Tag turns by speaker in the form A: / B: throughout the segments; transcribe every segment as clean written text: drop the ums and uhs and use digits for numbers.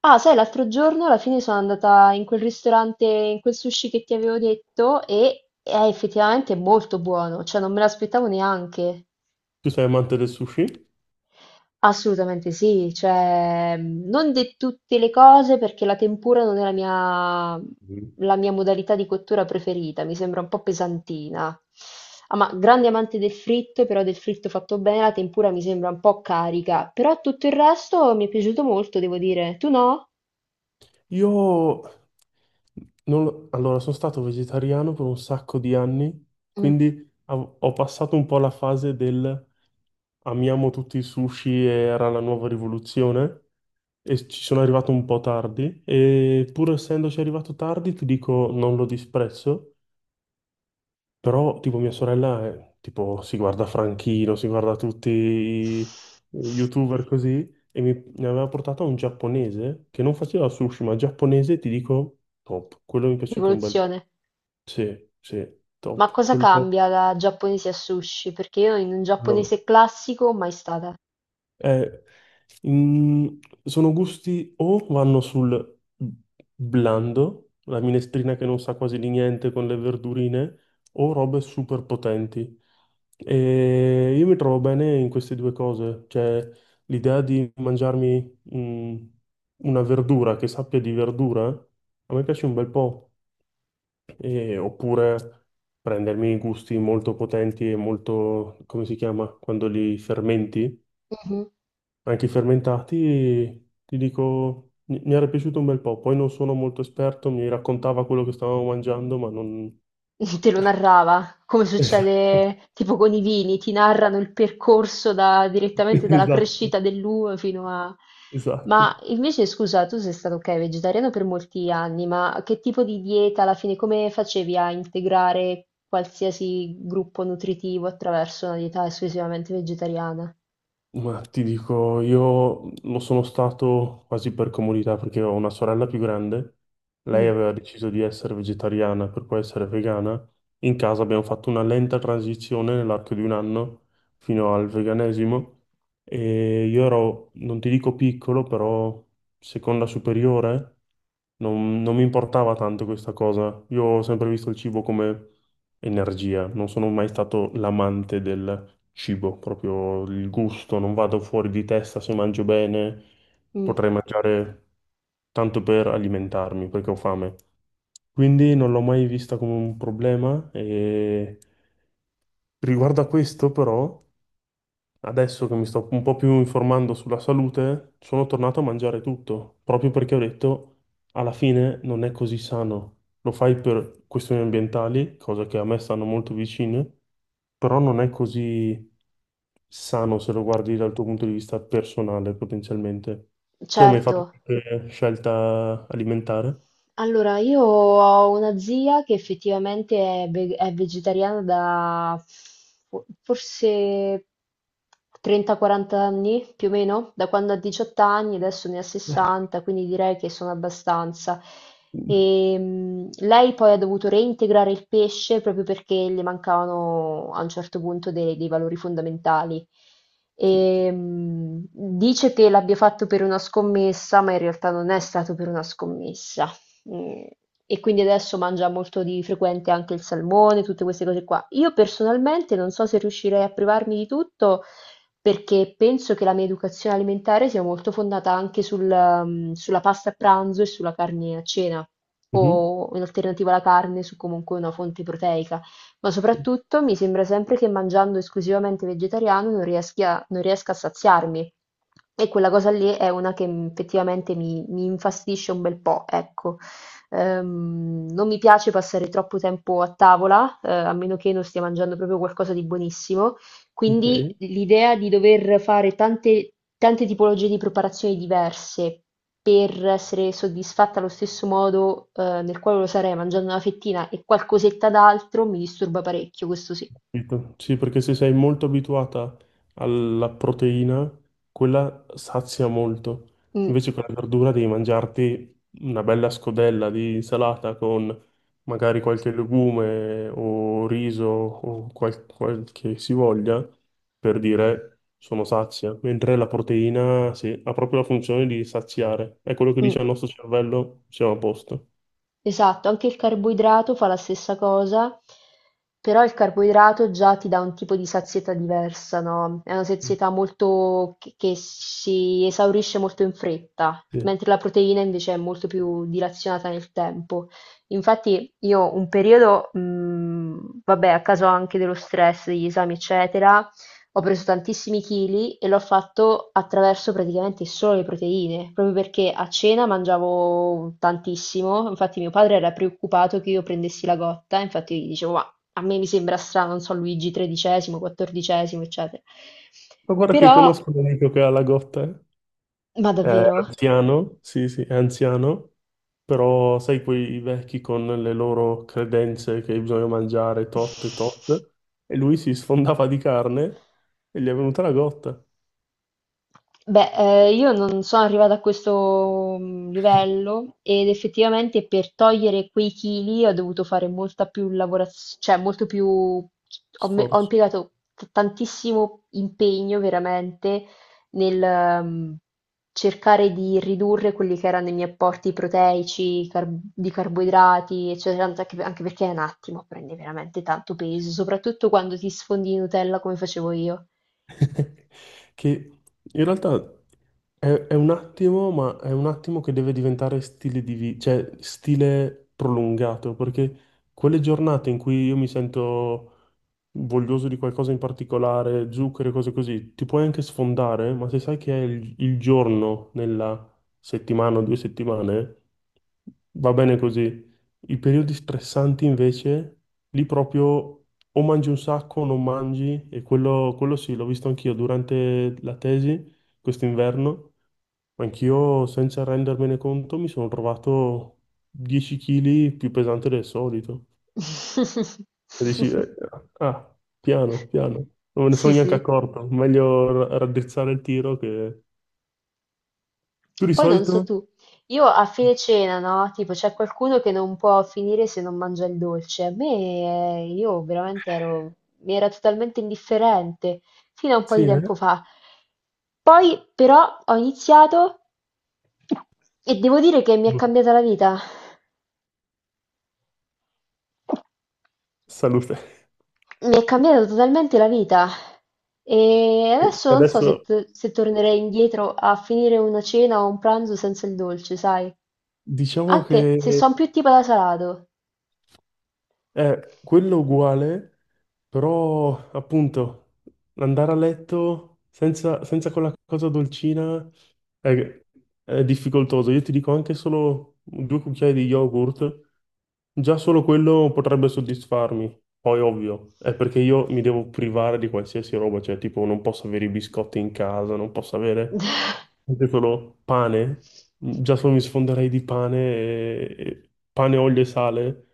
A: Ah, sai, l'altro giorno alla fine sono andata in quel ristorante, in quel sushi che ti avevo detto e è effettivamente molto buono, cioè non me l'aspettavo neanche.
B: Tu sei amante del sushi?
A: Assolutamente sì, cioè non di tutte le cose perché la tempura non è la mia,
B: Mhm.
A: la mia modalità di cottura preferita, mi sembra un po' pesantina. Ah, ma grande amante del fritto, però del fritto fatto bene, la tempura mi sembra un po' carica, però tutto il resto mi è piaciuto molto, devo dire. Tu no?
B: Io non lo- Allora, sono stato vegetariano per un sacco di anni,
A: Mm.
B: quindi ho passato un po' la fase del amiamo tutti i sushi e era la nuova rivoluzione e ci sono arrivato un po' tardi e pur essendoci arrivato tardi ti dico non lo disprezzo. Però, tipo, tipo, si guarda Franchino, si guarda tutti i YouTuber così, e ne aveva portato un giapponese che non faceva sushi, ma giapponese, ti dico, top. Quello mi è piaciuto un bel po'.
A: Rivoluzione:
B: Sì, sì,
A: ma
B: top.
A: cosa
B: Quello...
A: cambia da giapponese a sushi? Perché io in un giapponese classico mai stata.
B: Eh, in- sono gusti o vanno sul blando, la minestrina che non sa quasi di niente con le verdurine, o robe super potenti. E io mi trovo bene in queste due cose, cioè l'idea di mangiarmi una verdura che sappia di verdura, a me piace un bel po'. Oppure prendermi gusti molto potenti e molto, come si chiama, quando li fermenti.
A: Mhm.
B: Anche i fermentati, ti dico, mi era piaciuto un bel po'. Poi non sono molto esperto, mi raccontava quello che stavamo mangiando, ma non...
A: Te lo narrava, come
B: Esatto,
A: succede tipo con i vini, ti narrano il percorso direttamente dalla
B: esatto,
A: crescita dell'uva fino a... Ma
B: esatto.
A: invece, scusa, tu sei stato, ok, vegetariano per molti anni, ma che tipo di dieta alla fine, come facevi a integrare qualsiasi gruppo nutritivo attraverso una dieta esclusivamente vegetariana?
B: Ma ti dico, io lo sono stato quasi per comodità perché ho una sorella più grande, lei
A: Mm,
B: aveva deciso di essere vegetariana per poi essere vegana, in casa abbiamo fatto una lenta transizione nell'arco di un anno fino al veganesimo e io ero, non ti dico piccolo, però seconda superiore non mi importava tanto questa cosa. Io ho sempre visto il cibo come energia, non sono mai stato l'amante del cibo, proprio il gusto, non vado fuori di testa se mangio bene,
A: mm,
B: potrei mangiare tanto per alimentarmi perché ho fame. Quindi non l'ho mai vista come un problema e riguardo a questo però adesso che mi sto un po' più informando sulla salute, sono tornato a mangiare tutto, proprio perché ho detto, alla fine non è così sano. Lo fai per questioni ambientali, cosa che a me stanno molto vicine, però non è così sano se lo guardi dal tuo punto di vista personale, potenzialmente. Tu hai mai fatto
A: certo.
B: qualche scelta alimentare?
A: Allora, io ho una zia che effettivamente è, è vegetariana da forse 30-40 anni, più o meno, da quando ha 18 anni, adesso ne ha 60, quindi direi che sono abbastanza. E, lei poi ha dovuto reintegrare il pesce proprio perché le mancavano a un certo punto dei valori fondamentali.
B: Sì.
A: E, dice che l'abbia fatto per una scommessa, ma in realtà non è stato per una scommessa. Mhmm, e quindi adesso mangia molto di frequente anche il salmone, tutte queste cose qua. Io personalmente non so se riuscirei a privarmi di tutto perché penso che la mia educazione alimentare sia molto fondata anche sul, sulla pasta a pranzo e sulla carne a cena
B: Mhm.
A: o in alternativa alla carne su comunque una fonte proteica. Ma soprattutto mi sembra sempre che mangiando esclusivamente vegetariano non riesca a saziarmi e quella cosa lì è una che, effettivamente mi infastidisce un bel po', ecco. Non mi piace passare troppo tempo a tavola, a meno che non stia mangiando proprio qualcosa di buonissimo. Quindi
B: Ok.
A: l'idea di dover fare tante, tante tipologie di preparazioni diverse per essere soddisfatta allo stesso modo, nel quale lo sarei mangiando una fettina e qualcosetta d'altro mi disturba parecchio, questo sì.
B: Capito? Sì, perché se sei molto abituata alla proteina, quella sazia molto.
A: Mm,
B: Invece con la verdura devi mangiarti una bella scodella di insalata con magari qualche legume o riso o quel che si voglia per dire sono sazia. Mentre la proteina, sì, ha proprio la funzione di saziare. È quello che dice
A: mm.
B: al nostro cervello, siamo a posto.
A: Esatto, anche il carboidrato fa la stessa cosa, però il carboidrato già ti dà un tipo di sazietà diversa, no? È una sazietà molto che si esaurisce molto in fretta,
B: Sì.
A: mentre la proteina invece è molto più dilazionata nel tempo. Infatti io un periodo, vabbè, a causa anche dello stress, degli esami, eccetera, ho preso tantissimi chili e l'ho fatto attraverso praticamente solo le proteine, proprio perché a cena mangiavo tantissimo, infatti mio padre era preoccupato che io prendessi la gotta, infatti gli dicevo, ma a me mi sembra strano, non so, Luigi XIII, XIV, eccetera.
B: Ma guarda che
A: Però,
B: conosco un amico che ha la gotta, eh.
A: ma
B: È
A: davvero?
B: anziano, sì, sì, è anziano, però sai quei vecchi con le loro credenze che bisogna mangiare tot e tot, e lui si sfondava di carne e gli è venuta la gotta.
A: Beh, io non sono arrivata a questo livello ed effettivamente per togliere quei chili ho dovuto fare molta più lavorazione, cioè molto più, ho
B: Sforzo.
A: impiegato tantissimo impegno veramente nel cercare di ridurre quelli che erano i miei apporti proteici, di carboidrati, eccetera, anche perché è un attimo, prendi veramente tanto peso, soprattutto quando ti sfondi di Nutella come facevo io.
B: Che in realtà è un attimo, ma è un attimo che deve diventare stile di vita, cioè stile prolungato, perché quelle giornate in cui io mi sento voglioso di qualcosa in particolare, zucchero e cose così, ti puoi anche sfondare, ma se sai che è il giorno nella settimana o due settimane, va bene così. I periodi stressanti invece, lì proprio o mangi un sacco o non mangi, e quello sì, l'ho visto anch'io durante la tesi, quest'inverno, anch'io senza rendermene conto mi sono trovato 10 kg più pesante del solito. E dici, ah, ah, piano, piano, non me ne
A: Sì,
B: sono neanche
A: sì.
B: accorto, meglio raddrizzare il tiro che... Tu di
A: Poi non so
B: solito?
A: tu, io a fine cena, no? Tipo, c'è qualcuno che non può finire se non mangia il dolce. A me, io veramente ero, mi era totalmente indifferente fino a un po'
B: Sì,
A: di tempo
B: eh?
A: fa. Poi, però, ho iniziato e devo dire che mi è
B: No.
A: cambiata la vita.
B: Salute.
A: Mi è cambiata totalmente la vita. E
B: E
A: adesso non so
B: adesso
A: se, se tornerei indietro a finire una cena o un pranzo senza il dolce, sai?
B: diciamo
A: Anche se
B: che...
A: son più tipo da salato.
B: È quello uguale, però appunto andare a letto senza quella cosa dolcina è, è difficoltoso. Io ti dico anche solo due cucchiai di yogurt. Già solo quello potrebbe soddisfarmi. Poi, ovvio, è perché io mi devo privare di qualsiasi roba, cioè, tipo, non posso avere i biscotti in casa, non posso avere anche solo pane. Già solo mi sfonderei di pane, e pane, olio e sale.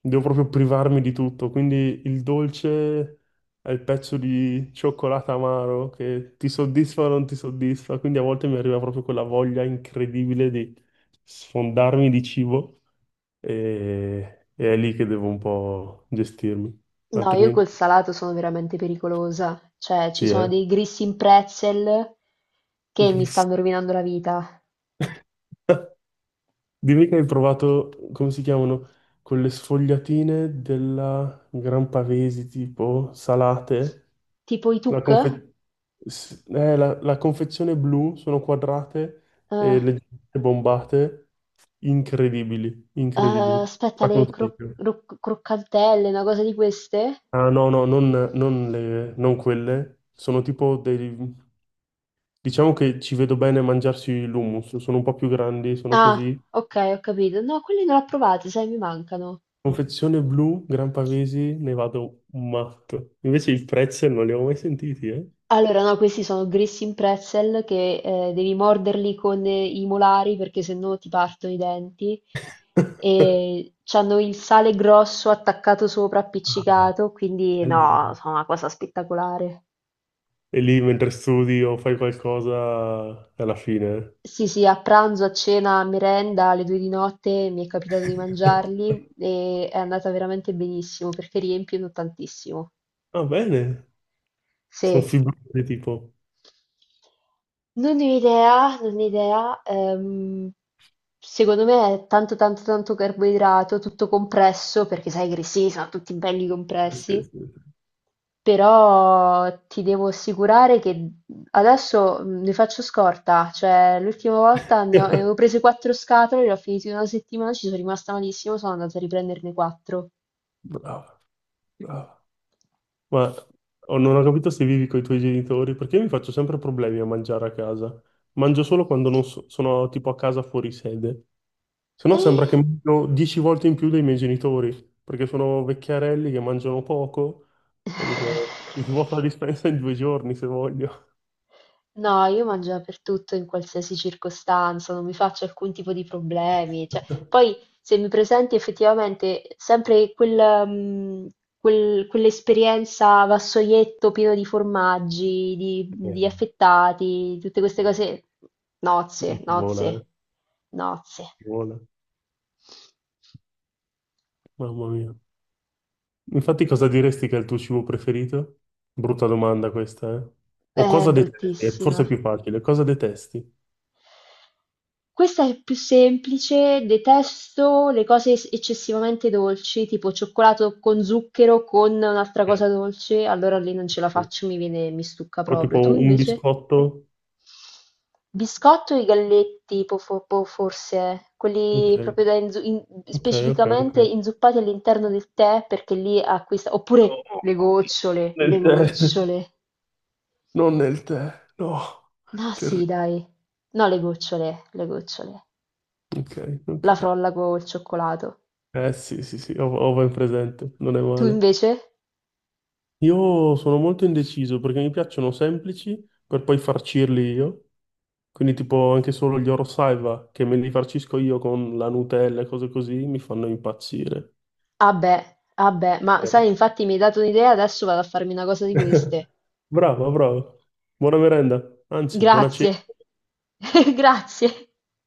B: Devo proprio privarmi di tutto. Quindi il dolce è il pezzo di cioccolato amaro che ti soddisfa o non ti soddisfa. Quindi a volte mi arriva proprio quella voglia incredibile di sfondarmi di cibo e è lì che devo un po' gestirmi,
A: No, io col
B: altrimenti
A: salato sono veramente pericolosa. Cioè, ci
B: sì,
A: sono
B: eh.
A: dei Grissini in Pretzel che mi
B: Gris.
A: stanno rovinando la vita.
B: Dimmi che hai provato, come si chiamano, quelle sfogliatine della Gran Pavesi, tipo salate,
A: Tipo i
B: la,
A: tuk?
B: confe- la confezione blu, sono quadrate
A: Eh,
B: e leggermente bombate, incredibili,
A: eh,
B: incredibili,
A: aspetta,
B: la consiglio.
A: croccantelle, una cosa di queste?
B: Ah no, no, non non quelle, sono tipo dei, diciamo che ci vedo bene a mangiarsi l'hummus, sono un po' più grandi, sono
A: Ah,
B: così.
A: ok, ho capito. No, quelli non li ho provati, sai, mi mancano.
B: Confezione blu, Gran Pavesi, ne vado matto. Invece i pretzel non li ho mai sentiti, eh?
A: Allora, no, questi sono grissini pretzel che devi morderli con i molari perché sennò ti partono i denti. E c'hanno il sale grosso attaccato sopra,
B: Ah,
A: appiccicato, quindi no,
B: bello.
A: sono una cosa spettacolare.
B: E lì mentre studi o fai qualcosa, alla fine.
A: Sì, sì, a pranzo, a cena, a merenda, alle 2 di notte mi è capitato di
B: Eh.
A: mangiarli e è andata veramente benissimo perché riempiono tantissimo.
B: Va bene, sono
A: Sì.
B: fibrosi tipo.
A: Non ne ho idea, non ne ho idea. Secondo me è tanto tanto tanto carboidrato, tutto compresso, perché sai che i grissini sono tutti belli
B: Sì,
A: compressi.
B: sì, sì.
A: Però ti devo assicurare che adesso ne faccio scorta, cioè l'ultima volta ne avevo prese quattro scatole, le ho finite in una settimana, ci sono rimasta malissimo, sono andata a riprenderne quattro.
B: Bravo, bravo. Ma oh, non ho capito se vivi con i tuoi genitori, perché io mi faccio sempre problemi a mangiare a casa. Mangio solo quando non so- sono tipo a casa fuori sede. Se no sembra
A: Eh.
B: che mangio 10 volte in più dei miei genitori, perché sono vecchiarelli che mangiano poco e dico, mi svuoto la dispensa in 2 giorni se voglio.
A: No, io mangio dappertutto in qualsiasi circostanza, non mi faccio alcun tipo di problemi. Cioè, poi se mi presenti effettivamente sempre quel, quell'esperienza vassoietto pieno di formaggi, di
B: Eh,
A: affettati, tutte queste cose,
B: mi
A: nozze,
B: ci vola, eh.
A: nozze, nozze.
B: Ci vola. Mamma mia. Infatti cosa diresti che è il tuo cibo preferito? Brutta domanda questa, eh. O
A: È
B: cosa detesti? È
A: bruttissima.
B: forse più facile. Cosa detesti?
A: Questa è più semplice, detesto le cose eccessivamente dolci, tipo cioccolato con zucchero con un'altra
B: Ok.
A: cosa dolce, allora lì non ce la
B: Ok.
A: faccio, mi viene, mi stucca
B: Però
A: proprio. Tu
B: tipo un
A: invece?
B: biscotto?
A: Biscotto e i galletti, forse, eh.
B: Ok,
A: Quelli proprio da
B: ok, ok, ok.
A: specificamente inzuppati all'interno del tè, perché lì acquista,
B: No,
A: oppure le gocciole,
B: nel
A: le
B: tè,
A: gocciole.
B: non nel tè, no,
A: No, sì,
B: terribile.
A: dai. No, le gocciole, le gocciole.
B: Ok, ok.
A: La frolla col cioccolato.
B: Eh sì, sì, sì, ho, ho ben presente, non è
A: Tu
B: male.
A: invece?
B: Io sono molto indeciso perché mi piacciono semplici per poi farcirli io, quindi tipo anche solo gli Oro Saiwa che me li farcisco io con la Nutella e cose così mi fanno impazzire.
A: Ah beh, ah beh, ma sai, infatti mi hai dato un'idea, adesso vado a farmi una cosa di queste.
B: Bravo, bravo. Buona merenda, anzi, buona
A: Grazie,
B: cena.
A: grazie.